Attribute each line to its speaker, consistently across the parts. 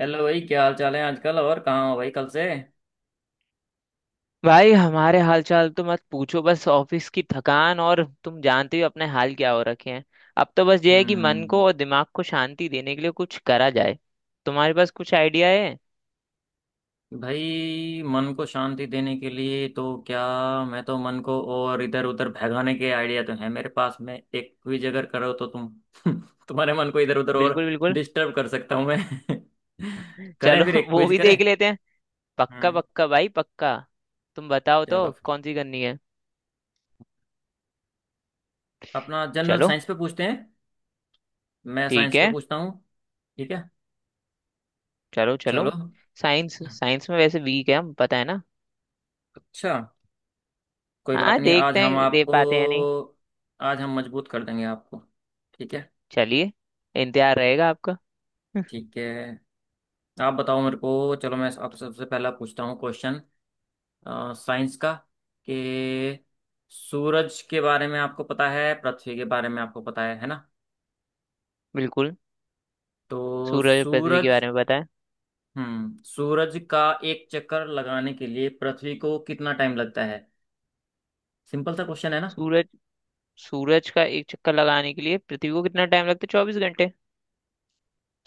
Speaker 1: Hello भाई, क्या हाल चाल है आजकल? और कहाँ हो भाई कल से?
Speaker 2: भाई, हमारे हालचाल तो मत पूछो। बस ऑफिस की थकान, और तुम जानते हो अपने हाल क्या हो रखे हैं। अब तो बस ये है कि मन
Speaker 1: हम्म।
Speaker 2: को और दिमाग को शांति देने के लिए कुछ करा जाए। तुम्हारे पास कुछ आइडिया है?
Speaker 1: भाई, मन को शांति देने के लिए तो क्या। मैं तो मन को और इधर उधर भगाने के आइडिया तो है मेरे पास। मैं एक भी जगह करो तो तुम तुम्हारे मन को इधर उधर और
Speaker 2: बिल्कुल बिल्कुल।
Speaker 1: डिस्टर्ब कर सकता हूँ मैं। करें
Speaker 2: चलो
Speaker 1: फिर एक
Speaker 2: वो
Speaker 1: क्विज
Speaker 2: भी
Speaker 1: करें।
Speaker 2: देख लेते हैं। पक्का
Speaker 1: हम्म।
Speaker 2: पक्का भाई पक्का। तुम बताओ
Speaker 1: चलो
Speaker 2: तो
Speaker 1: फिर।
Speaker 2: कौन सी करनी है?
Speaker 1: अपना जनरल
Speaker 2: चलो।
Speaker 1: साइंस पे पूछते हैं। मैं
Speaker 2: ठीक
Speaker 1: साइंस के
Speaker 2: है।
Speaker 1: पूछता हूँ। ठीक है।
Speaker 2: चलो चलो।
Speaker 1: चलो।
Speaker 2: साइंस, साइंस में वैसे वीक है हम, पता है ना।
Speaker 1: अच्छा, कोई
Speaker 2: हाँ,
Speaker 1: बात नहीं।
Speaker 2: देखते हैं दे पाते हैं या नहीं।
Speaker 1: आज हम मजबूत कर देंगे आपको। ठीक है।
Speaker 2: चलिए। इंतजार रहेगा आपका।
Speaker 1: ठीक है। आप बताओ मेरे को। चलो मैं आपसे सबसे पहला पूछता हूँ क्वेश्चन साइंस का कि सूरज के बारे में आपको पता है, पृथ्वी के बारे में आपको पता है ना?
Speaker 2: बिल्कुल।
Speaker 1: तो
Speaker 2: सूरज और पृथ्वी के
Speaker 1: सूरज
Speaker 2: बारे में बताएं।
Speaker 1: सूरज का एक चक्कर लगाने के लिए पृथ्वी को कितना टाइम लगता है? सिंपल सा क्वेश्चन है ना?
Speaker 2: सूरज, सूरज का एक चक्कर लगाने के लिए पृथ्वी को कितना टाइम लगता है? 24 घंटे।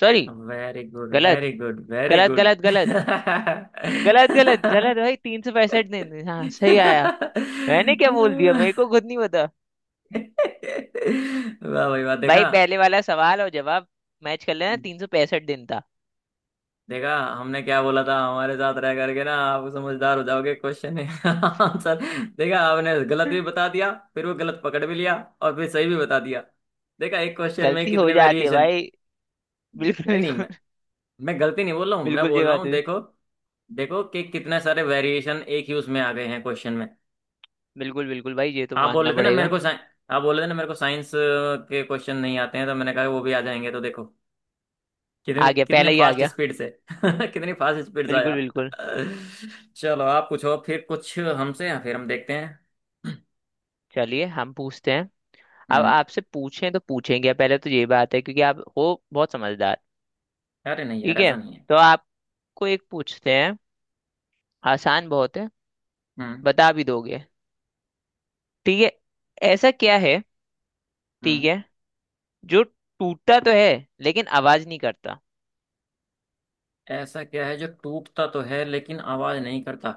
Speaker 2: सॉरी।
Speaker 1: वेरी गुड,
Speaker 2: गलत।
Speaker 1: वेरी गुड, वेरी
Speaker 2: गलत
Speaker 1: गुड।
Speaker 2: गलत गलत। गलत गलत गलत भाई, 365 दिन। हाँ, सही आया। मैंने क्या बोल दिया
Speaker 1: वाह
Speaker 2: मेरे को खुद नहीं पता।
Speaker 1: भाई वाह। देखा,
Speaker 2: भाई, पहले वाला सवाल और जवाब मैच कर लेना, 365 दिन था।
Speaker 1: देखा हमने क्या बोला था, हमारे साथ रह करके ना आप समझदार हो जाओगे। क्वेश्चन है आंसर। देखा आपने, गलत भी बता दिया, फिर वो गलत पकड़ भी लिया। और फिर सही भी बता दिया। देखा एक क्वेश्चन में
Speaker 2: गलती हो
Speaker 1: कितने
Speaker 2: जाती है
Speaker 1: वेरिएशन।
Speaker 2: भाई। बिल्कुल
Speaker 1: नहीं नहीं,
Speaker 2: बिल्कुल।
Speaker 1: मैं गलती नहीं बोल रहा हूँ। मैं
Speaker 2: बिल्कुल, ये
Speaker 1: बोल रहा
Speaker 2: बात
Speaker 1: हूँ,
Speaker 2: है।
Speaker 1: देखो। देखो कि कितने सारे वेरिएशन एक ही उसमें आ गए हैं क्वेश्चन में।
Speaker 2: बिल्कुल बिल्कुल भाई, ये तो
Speaker 1: आप बोल
Speaker 2: मानना
Speaker 1: रहे थे ना मेरे
Speaker 2: पड़ेगा।
Speaker 1: को साइ- आप बोल रहे थे ना मेरे को साइंस के क्वेश्चन नहीं आते हैं, तो मैंने कहा वो भी आ जाएंगे, तो देखो कितनी
Speaker 2: आ गया,
Speaker 1: कितने
Speaker 2: पहले ही आ
Speaker 1: फास्ट
Speaker 2: गया।
Speaker 1: स्पीड से कितनी फास्ट स्पीड से
Speaker 2: बिल्कुल
Speaker 1: आया।
Speaker 2: बिल्कुल।
Speaker 1: चलो आप पूछो फिर कुछ हमसे, फिर हम देखते हैं।
Speaker 2: चलिए हम पूछते हैं। अब
Speaker 1: हम्म।
Speaker 2: आपसे पूछें तो पूछेंगे पहले, तो ये बात है क्योंकि आप हो बहुत समझदार।
Speaker 1: अरे नहीं यार,
Speaker 2: ठीक है।
Speaker 1: ऐसा नहीं है।
Speaker 2: तो आपको एक पूछते हैं। आसान बहुत है।
Speaker 1: हम्म।
Speaker 2: बता भी दोगे। ठीक है। ऐसा क्या है? ठीक
Speaker 1: हम्म।
Speaker 2: है। जो टूटता तो है, लेकिन आवाज नहीं करता।
Speaker 1: ऐसा क्या है जो टूटता तो है लेकिन आवाज नहीं करता?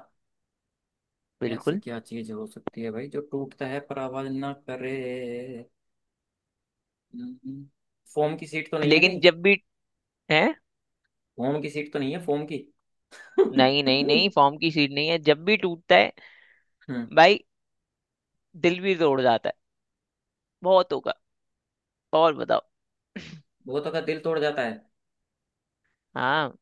Speaker 1: ऐसी
Speaker 2: बिल्कुल।
Speaker 1: क्या चीज हो सकती है भाई जो टूटता है पर आवाज ना करे? हम्म। हम्म। फोम की सीट तो नहीं है
Speaker 2: लेकिन
Speaker 1: कहीं?
Speaker 2: जब भी, है।
Speaker 1: फोम की सीट तो नहीं है फोम की।
Speaker 2: नहीं नहीं नहीं, फॉर्म की सीट नहीं है। जब भी टूटता है
Speaker 1: हम्म।
Speaker 2: भाई, दिल भी तोड़ जाता है। बहुत होगा। और बताओ।
Speaker 1: बहुतों का दिल तोड़ जाता है।
Speaker 2: हाँ।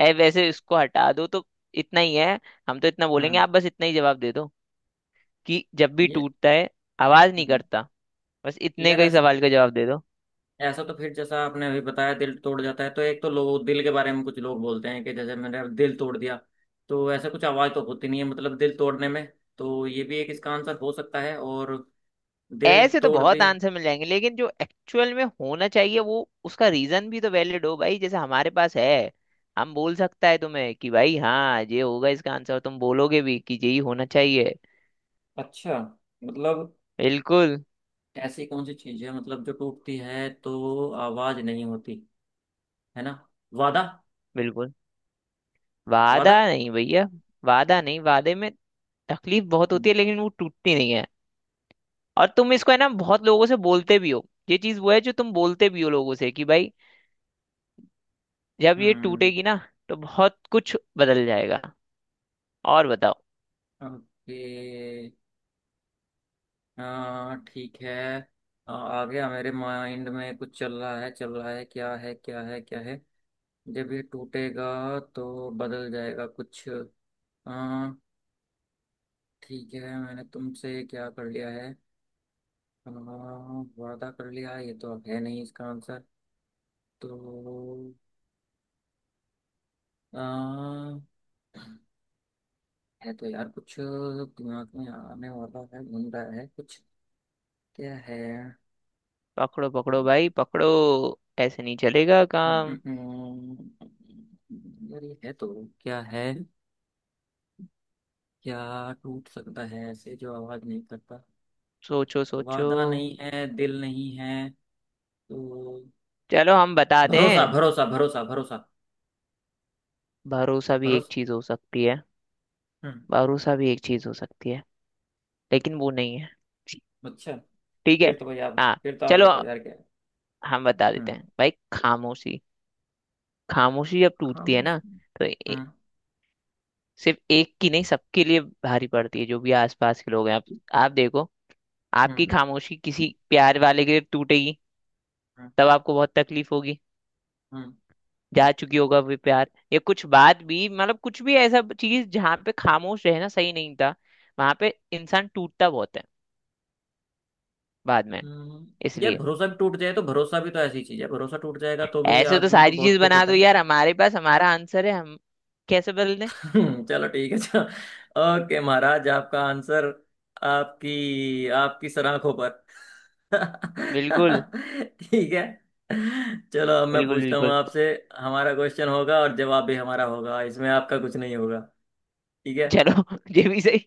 Speaker 2: ऐ, वैसे इसको हटा दो तो, इतना ही है। हम तो इतना बोलेंगे,
Speaker 1: हम्म
Speaker 2: आप बस इतना ही जवाब दे दो कि जब भी
Speaker 1: ये
Speaker 2: टूटता है आवाज नहीं
Speaker 1: हम्म,
Speaker 2: करता। बस इतने
Speaker 1: यार
Speaker 2: का ही
Speaker 1: ऐसा,
Speaker 2: सवाल का जवाब दे दो।
Speaker 1: ऐसा तो फिर जैसा आपने अभी बताया दिल तोड़ जाता है, तो एक तो लोग दिल के बारे में, कुछ लोग बोलते हैं कि जैसे मैंने दिल तोड़ दिया। तो ऐसा कुछ आवाज़ तो होती नहीं है, मतलब दिल तोड़ने में। तो ये भी एक इसका आंसर हो सकता है, और दिल
Speaker 2: ऐसे तो
Speaker 1: तोड़
Speaker 2: बहुत
Speaker 1: दे।
Speaker 2: आंसर मिल जाएंगे, लेकिन जो एक्चुअल में होना चाहिए, वो उसका रीजन भी तो वैलिड हो भाई, जैसे हमारे पास है। हम बोल सकता है तुम्हें कि भाई हाँ, ये होगा इसका आंसर, और तुम बोलोगे भी कि यही होना चाहिए।
Speaker 1: अच्छा, मतलब
Speaker 2: बिल्कुल।
Speaker 1: ऐसी कौन सी चीज़ है मतलब जो टूटती है तो आवाज़ नहीं होती, है ना? वादा,
Speaker 2: बिल्कुल वादा
Speaker 1: वादा।
Speaker 2: नहीं भैया, वादा नहीं, वादे में तकलीफ बहुत
Speaker 1: हम्म।
Speaker 2: होती है, लेकिन वो टूटती नहीं है। और तुम इसको है ना बहुत लोगों से बोलते भी हो, ये चीज वो है जो तुम बोलते भी हो लोगों से कि भाई जब ये
Speaker 1: हम्म।
Speaker 2: टूटेगी ना तो बहुत कुछ बदल जाएगा। और बताओ।
Speaker 1: ओके। हाँ ठीक है। आ आ गया मेरे माइंड में, कुछ चल रहा है चल रहा है, क्या है क्या है क्या है? जब ये टूटेगा तो बदल जाएगा कुछ। हाँ ठीक है। मैंने तुमसे क्या कर लिया है? आ, वादा कर लिया, ये तो है नहीं इसका आंसर। तो आ, है तो यार कुछ दिमाग में आने वाला है, घूम रहा है कुछ। क्या है?
Speaker 2: पकड़ो पकड़ो भाई पकड़ो। ऐसे नहीं चलेगा
Speaker 1: हम्म,
Speaker 2: काम।
Speaker 1: हम्म, हम्म, यार ये है तो। क्या है? क्या टूट सकता है ऐसे जो आवाज नहीं करता?
Speaker 2: सोचो सोचो।
Speaker 1: वादा नहीं है, दिल नहीं है तो।
Speaker 2: चलो हम बता
Speaker 1: भरोसा,
Speaker 2: दें।
Speaker 1: भरोसा, भरोसा, भरोसा।
Speaker 2: भरोसा भी एक
Speaker 1: भरोसा।
Speaker 2: चीज हो सकती है।
Speaker 1: हम्म।
Speaker 2: भरोसा भी एक चीज हो सकती है, लेकिन वो नहीं है।
Speaker 1: अच्छा।
Speaker 2: ठीक है।
Speaker 1: फिर तो भाई आप,
Speaker 2: हाँ।
Speaker 1: फिर तो आप
Speaker 2: चलो
Speaker 1: बताओ यार क्या है।
Speaker 2: हम बता देते
Speaker 1: हम्म।
Speaker 2: हैं भाई, खामोशी। खामोशी जब टूटती है
Speaker 1: खामोश।
Speaker 2: ना तो
Speaker 1: हम्म।
Speaker 2: सिर्फ एक की नहीं सबके लिए भारी पड़ती है, जो भी आसपास के लोग हैं। आप देखो, आपकी
Speaker 1: हम्म।
Speaker 2: खामोशी किसी प्यार वाले के लिए टूटेगी,
Speaker 1: हम्म।
Speaker 2: तब आपको बहुत तकलीफ होगी।
Speaker 1: हम्म।
Speaker 2: जा चुकी होगा वे प्यार या कुछ बात भी, मतलब कुछ भी ऐसा चीज जहाँ पे खामोश रहना सही नहीं था, वहां पे इंसान टूटता बहुत है बाद में।
Speaker 1: हम्म। यार
Speaker 2: इसलिए
Speaker 1: भरोसा भी टूट जाए तो, भरोसा भी तो ऐसी चीज है, भरोसा टूट जाएगा तो भी
Speaker 2: ऐसे तो
Speaker 1: आदमी को
Speaker 2: सारी
Speaker 1: बहुत
Speaker 2: चीज
Speaker 1: दुख
Speaker 2: बना
Speaker 1: होता
Speaker 2: दो
Speaker 1: है।
Speaker 2: यार, हमारे पास हमारा आंसर है, हम कैसे बदल दें।
Speaker 1: हम्म। चलो ठीक है, चलो। ओके महाराज, आपका आंसर आपकी आपकी सलाखों पर।
Speaker 2: बिल्कुल
Speaker 1: ठीक है। चलो अब मैं
Speaker 2: बिल्कुल।
Speaker 1: पूछता हूँ
Speaker 2: बिल्कुल।
Speaker 1: आपसे। हमारा क्वेश्चन होगा और जवाब भी हमारा होगा, इसमें आपका कुछ नहीं होगा। ठीक है।
Speaker 2: चलो ये भी सही।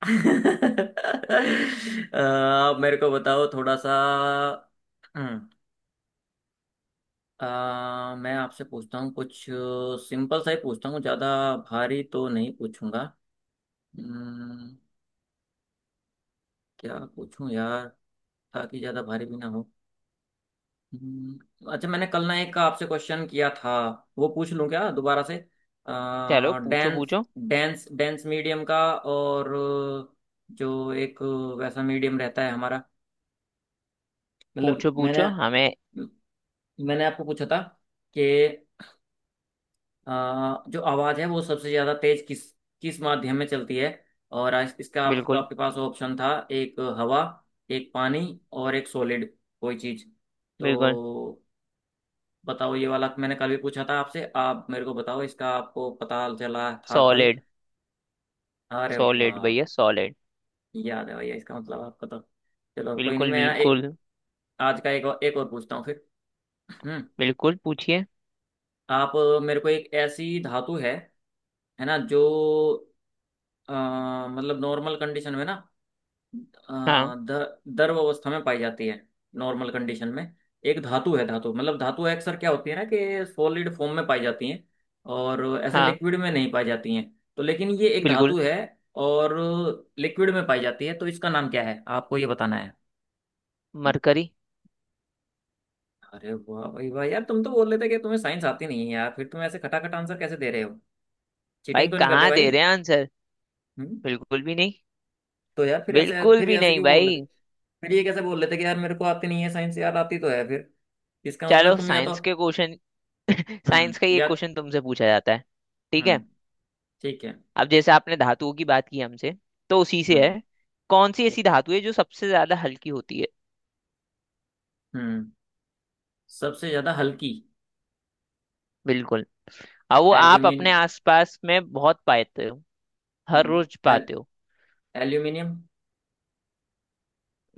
Speaker 1: अ, आप मेरे को बताओ थोड़ा सा। हम्म, मैं आपसे पूछता हूँ कुछ, सिंपल सा ही पूछता हूँ, ज्यादा भारी तो नहीं पूछूंगा। हम्म, क्या पूछूं यार, ताकि ज्यादा भारी भी ना हो। अच्छा मैंने कल ना एक का आपसे क्वेश्चन किया था, वो पूछ लूं क्या दोबारा से?
Speaker 2: चलो पूछो
Speaker 1: डांस
Speaker 2: पूछो।
Speaker 1: डांस डांस मीडियम का और जो एक वैसा मीडियम रहता है हमारा, मतलब
Speaker 2: पूछो पूछो
Speaker 1: मैंने
Speaker 2: हमें।
Speaker 1: मैंने आपको पूछा था कि जो आवाज है वो सबसे ज्यादा तेज किस किस माध्यम में चलती है, और आज इसका आप,
Speaker 2: बिल्कुल।
Speaker 1: आपके पास ऑप्शन था एक हवा, एक पानी, और एक सॉलिड कोई चीज। तो
Speaker 2: बिल्कुल
Speaker 1: बताओ, ये वाला मैंने कल भी पूछा था आपसे, आप मेरे को बताओ इसका आपको पता चला था कल?
Speaker 2: सॉलिड।
Speaker 1: अरे
Speaker 2: सॉलिड
Speaker 1: वाह।
Speaker 2: भैया सॉलिड।
Speaker 1: याद है भैया, इसका मतलब आपको तो। चलो कोई नहीं,
Speaker 2: बिल्कुल बिल्कुल।
Speaker 1: आज का एक और पूछता हूँ फिर। हम्म।
Speaker 2: बिल्कुल पूछिए।
Speaker 1: आप मेरे को, एक ऐसी धातु है ना जो, अ, मतलब नॉर्मल कंडीशन में ना,
Speaker 2: हाँ।
Speaker 1: दर द्रव अवस्था में पाई जाती है। नॉर्मल कंडीशन में एक धातु है, धातु मतलब धातु अक्सर क्या होती है ना, कि सॉलिड फॉर्म में पाई जाती हैं और ऐसे
Speaker 2: हाँ।
Speaker 1: लिक्विड में नहीं पाई जाती हैं। तो लेकिन ये एक
Speaker 2: बिल्कुल।
Speaker 1: धातु है, और लिक्विड में पाई जाती है, तो इसका नाम क्या है आपको ये बताना है।
Speaker 2: मरकरी।
Speaker 1: अरे वाह भाई वाह, यार तुम तो बोल रहे थे कि तुम्हें साइंस आती नहीं है, यार फिर तुम ऐसे खटाखट आंसर कैसे दे रहे हो?
Speaker 2: भाई
Speaker 1: चीटिंग तो नहीं कर रहे
Speaker 2: कहाँ
Speaker 1: भाई?
Speaker 2: दे रहे हैं आंसर,
Speaker 1: हम्म।
Speaker 2: बिल्कुल भी नहीं।
Speaker 1: तो यार फिर ऐसे
Speaker 2: बिल्कुल
Speaker 1: फिर
Speaker 2: भी
Speaker 1: ऐसे
Speaker 2: नहीं
Speaker 1: क्यों बोल रहे
Speaker 2: भाई।
Speaker 1: थे? फिर ये कैसे बोल लेते कि यार मेरे को आती नहीं है साइंस, यार आती तो है फिर। इसका मतलब
Speaker 2: चलो
Speaker 1: तुम या तो
Speaker 2: साइंस के क्वेश्चन। साइंस का ये
Speaker 1: या।
Speaker 2: क्वेश्चन तुमसे पूछा जाता है। ठीक है।
Speaker 1: हम्म। ठीक है।
Speaker 2: अब जैसे आपने धातुओं की बात की हमसे, तो उसी से
Speaker 1: हम्म।
Speaker 2: है। कौन सी ऐसी
Speaker 1: ठीक है।
Speaker 2: धातु है जो सबसे ज्यादा हल्की होती है?
Speaker 1: हम्म। सबसे ज्यादा हल्की।
Speaker 2: बिल्कुल। और वो आप
Speaker 1: एल्यूमिन
Speaker 2: अपने आसपास में बहुत पाते हो। हर
Speaker 1: हम्म,
Speaker 2: रोज
Speaker 1: एल,
Speaker 2: पाते हो।
Speaker 1: एल्यूमिनियम।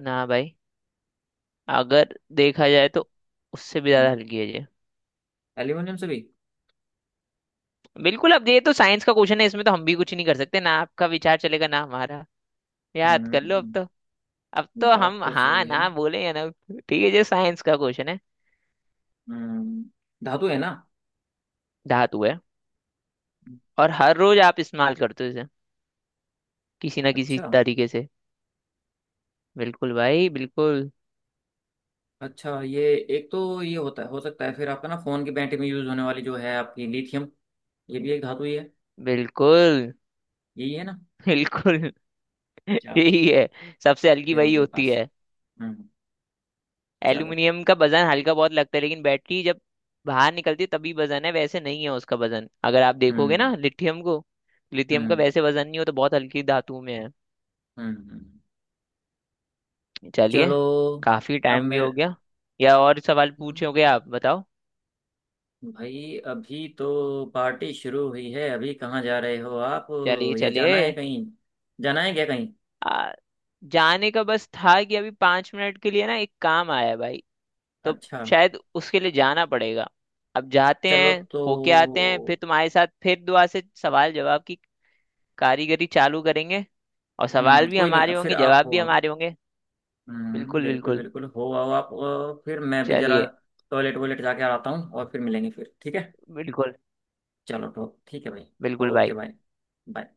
Speaker 2: ना भाई, अगर देखा जाए तो उससे भी ज्यादा
Speaker 1: हम्म,
Speaker 2: हल्की है ये।
Speaker 1: एल्यूमिनियम से भी।
Speaker 2: बिल्कुल। अब ये तो साइंस का क्वेश्चन है, इसमें तो हम भी कुछ नहीं कर सकते ना, आपका विचार चलेगा ना हमारा। याद कर लो अब
Speaker 1: हम्म।
Speaker 2: तो। अब तो
Speaker 1: बात
Speaker 2: हम
Speaker 1: तो
Speaker 2: हाँ
Speaker 1: सही है।
Speaker 2: ना बोलेंगे ना। ठीक है, जो साइंस का क्वेश्चन है।
Speaker 1: हम्म। धातु है ना।
Speaker 2: धातु है, और हर रोज आप इस्तेमाल करते हो इसे किसी ना किसी
Speaker 1: अच्छा।
Speaker 2: तरीके से। बिल्कुल भाई बिल्कुल।
Speaker 1: अच्छा ये एक तो ये होता है, हो सकता है फिर आपका ना फोन की बैटरी में यूज होने वाली जो है आपकी, लिथियम। ये भी एक धातु ही है,
Speaker 2: बिल्कुल
Speaker 1: यही है ना?
Speaker 2: बिल्कुल।
Speaker 1: चलो
Speaker 2: यही
Speaker 1: फिर।
Speaker 2: है, सबसे हल्की
Speaker 1: फिर हो
Speaker 2: वही
Speaker 1: गए
Speaker 2: होती
Speaker 1: पास।
Speaker 2: है।
Speaker 1: हम्म। चलो।
Speaker 2: एल्यूमिनियम का वजन हल्का बहुत लगता है, लेकिन बैटरी जब बाहर निकलती है तभी वजन है, वैसे नहीं है उसका वजन। अगर आप देखोगे ना
Speaker 1: हम्म।
Speaker 2: लिथियम को, लिथियम का
Speaker 1: हम्म।
Speaker 2: वैसे वजन नहीं हो तो बहुत हल्की धातु में है।
Speaker 1: हम्म। हम्म।
Speaker 2: चलिए।
Speaker 1: चलो
Speaker 2: काफी
Speaker 1: अब
Speaker 2: टाइम भी हो
Speaker 1: मेरे
Speaker 2: गया। या और सवाल पूछोगे, आप बताओ।
Speaker 1: भाई, अभी तो पार्टी शुरू हुई है, अभी कहाँ जा रहे हो आप?
Speaker 2: चलिए
Speaker 1: या
Speaker 2: चलिए।
Speaker 1: जाना है कहीं, जाना है क्या कहीं?
Speaker 2: आ, जाने का बस था कि अभी 5 मिनट के लिए ना एक काम आया है भाई, तो
Speaker 1: अच्छा।
Speaker 2: शायद उसके लिए जाना पड़ेगा। अब जाते
Speaker 1: चलो
Speaker 2: हैं,
Speaker 1: तो।
Speaker 2: होके आते हैं फिर तुम्हारे साथ, फिर दुआ से सवाल जवाब की कारीगरी चालू करेंगे। और सवाल भी
Speaker 1: कोई नहीं
Speaker 2: हमारे
Speaker 1: फिर,
Speaker 2: होंगे,
Speaker 1: आप
Speaker 2: जवाब
Speaker 1: हो
Speaker 2: भी
Speaker 1: आओ।
Speaker 2: हमारे होंगे। बिल्कुल
Speaker 1: बिल्कुल
Speaker 2: बिल्कुल।
Speaker 1: बिल्कुल, हो आओ आप। फिर मैं भी जरा
Speaker 2: चलिए।
Speaker 1: टॉयलेट वॉयलेट जाके आता हूँ, और फिर मिलेंगे फिर, ठीक है।
Speaker 2: बिल्कुल
Speaker 1: चलो तो ठीक है भाई।
Speaker 2: बिल्कुल
Speaker 1: ओके
Speaker 2: भाई।
Speaker 1: भाई। बाय।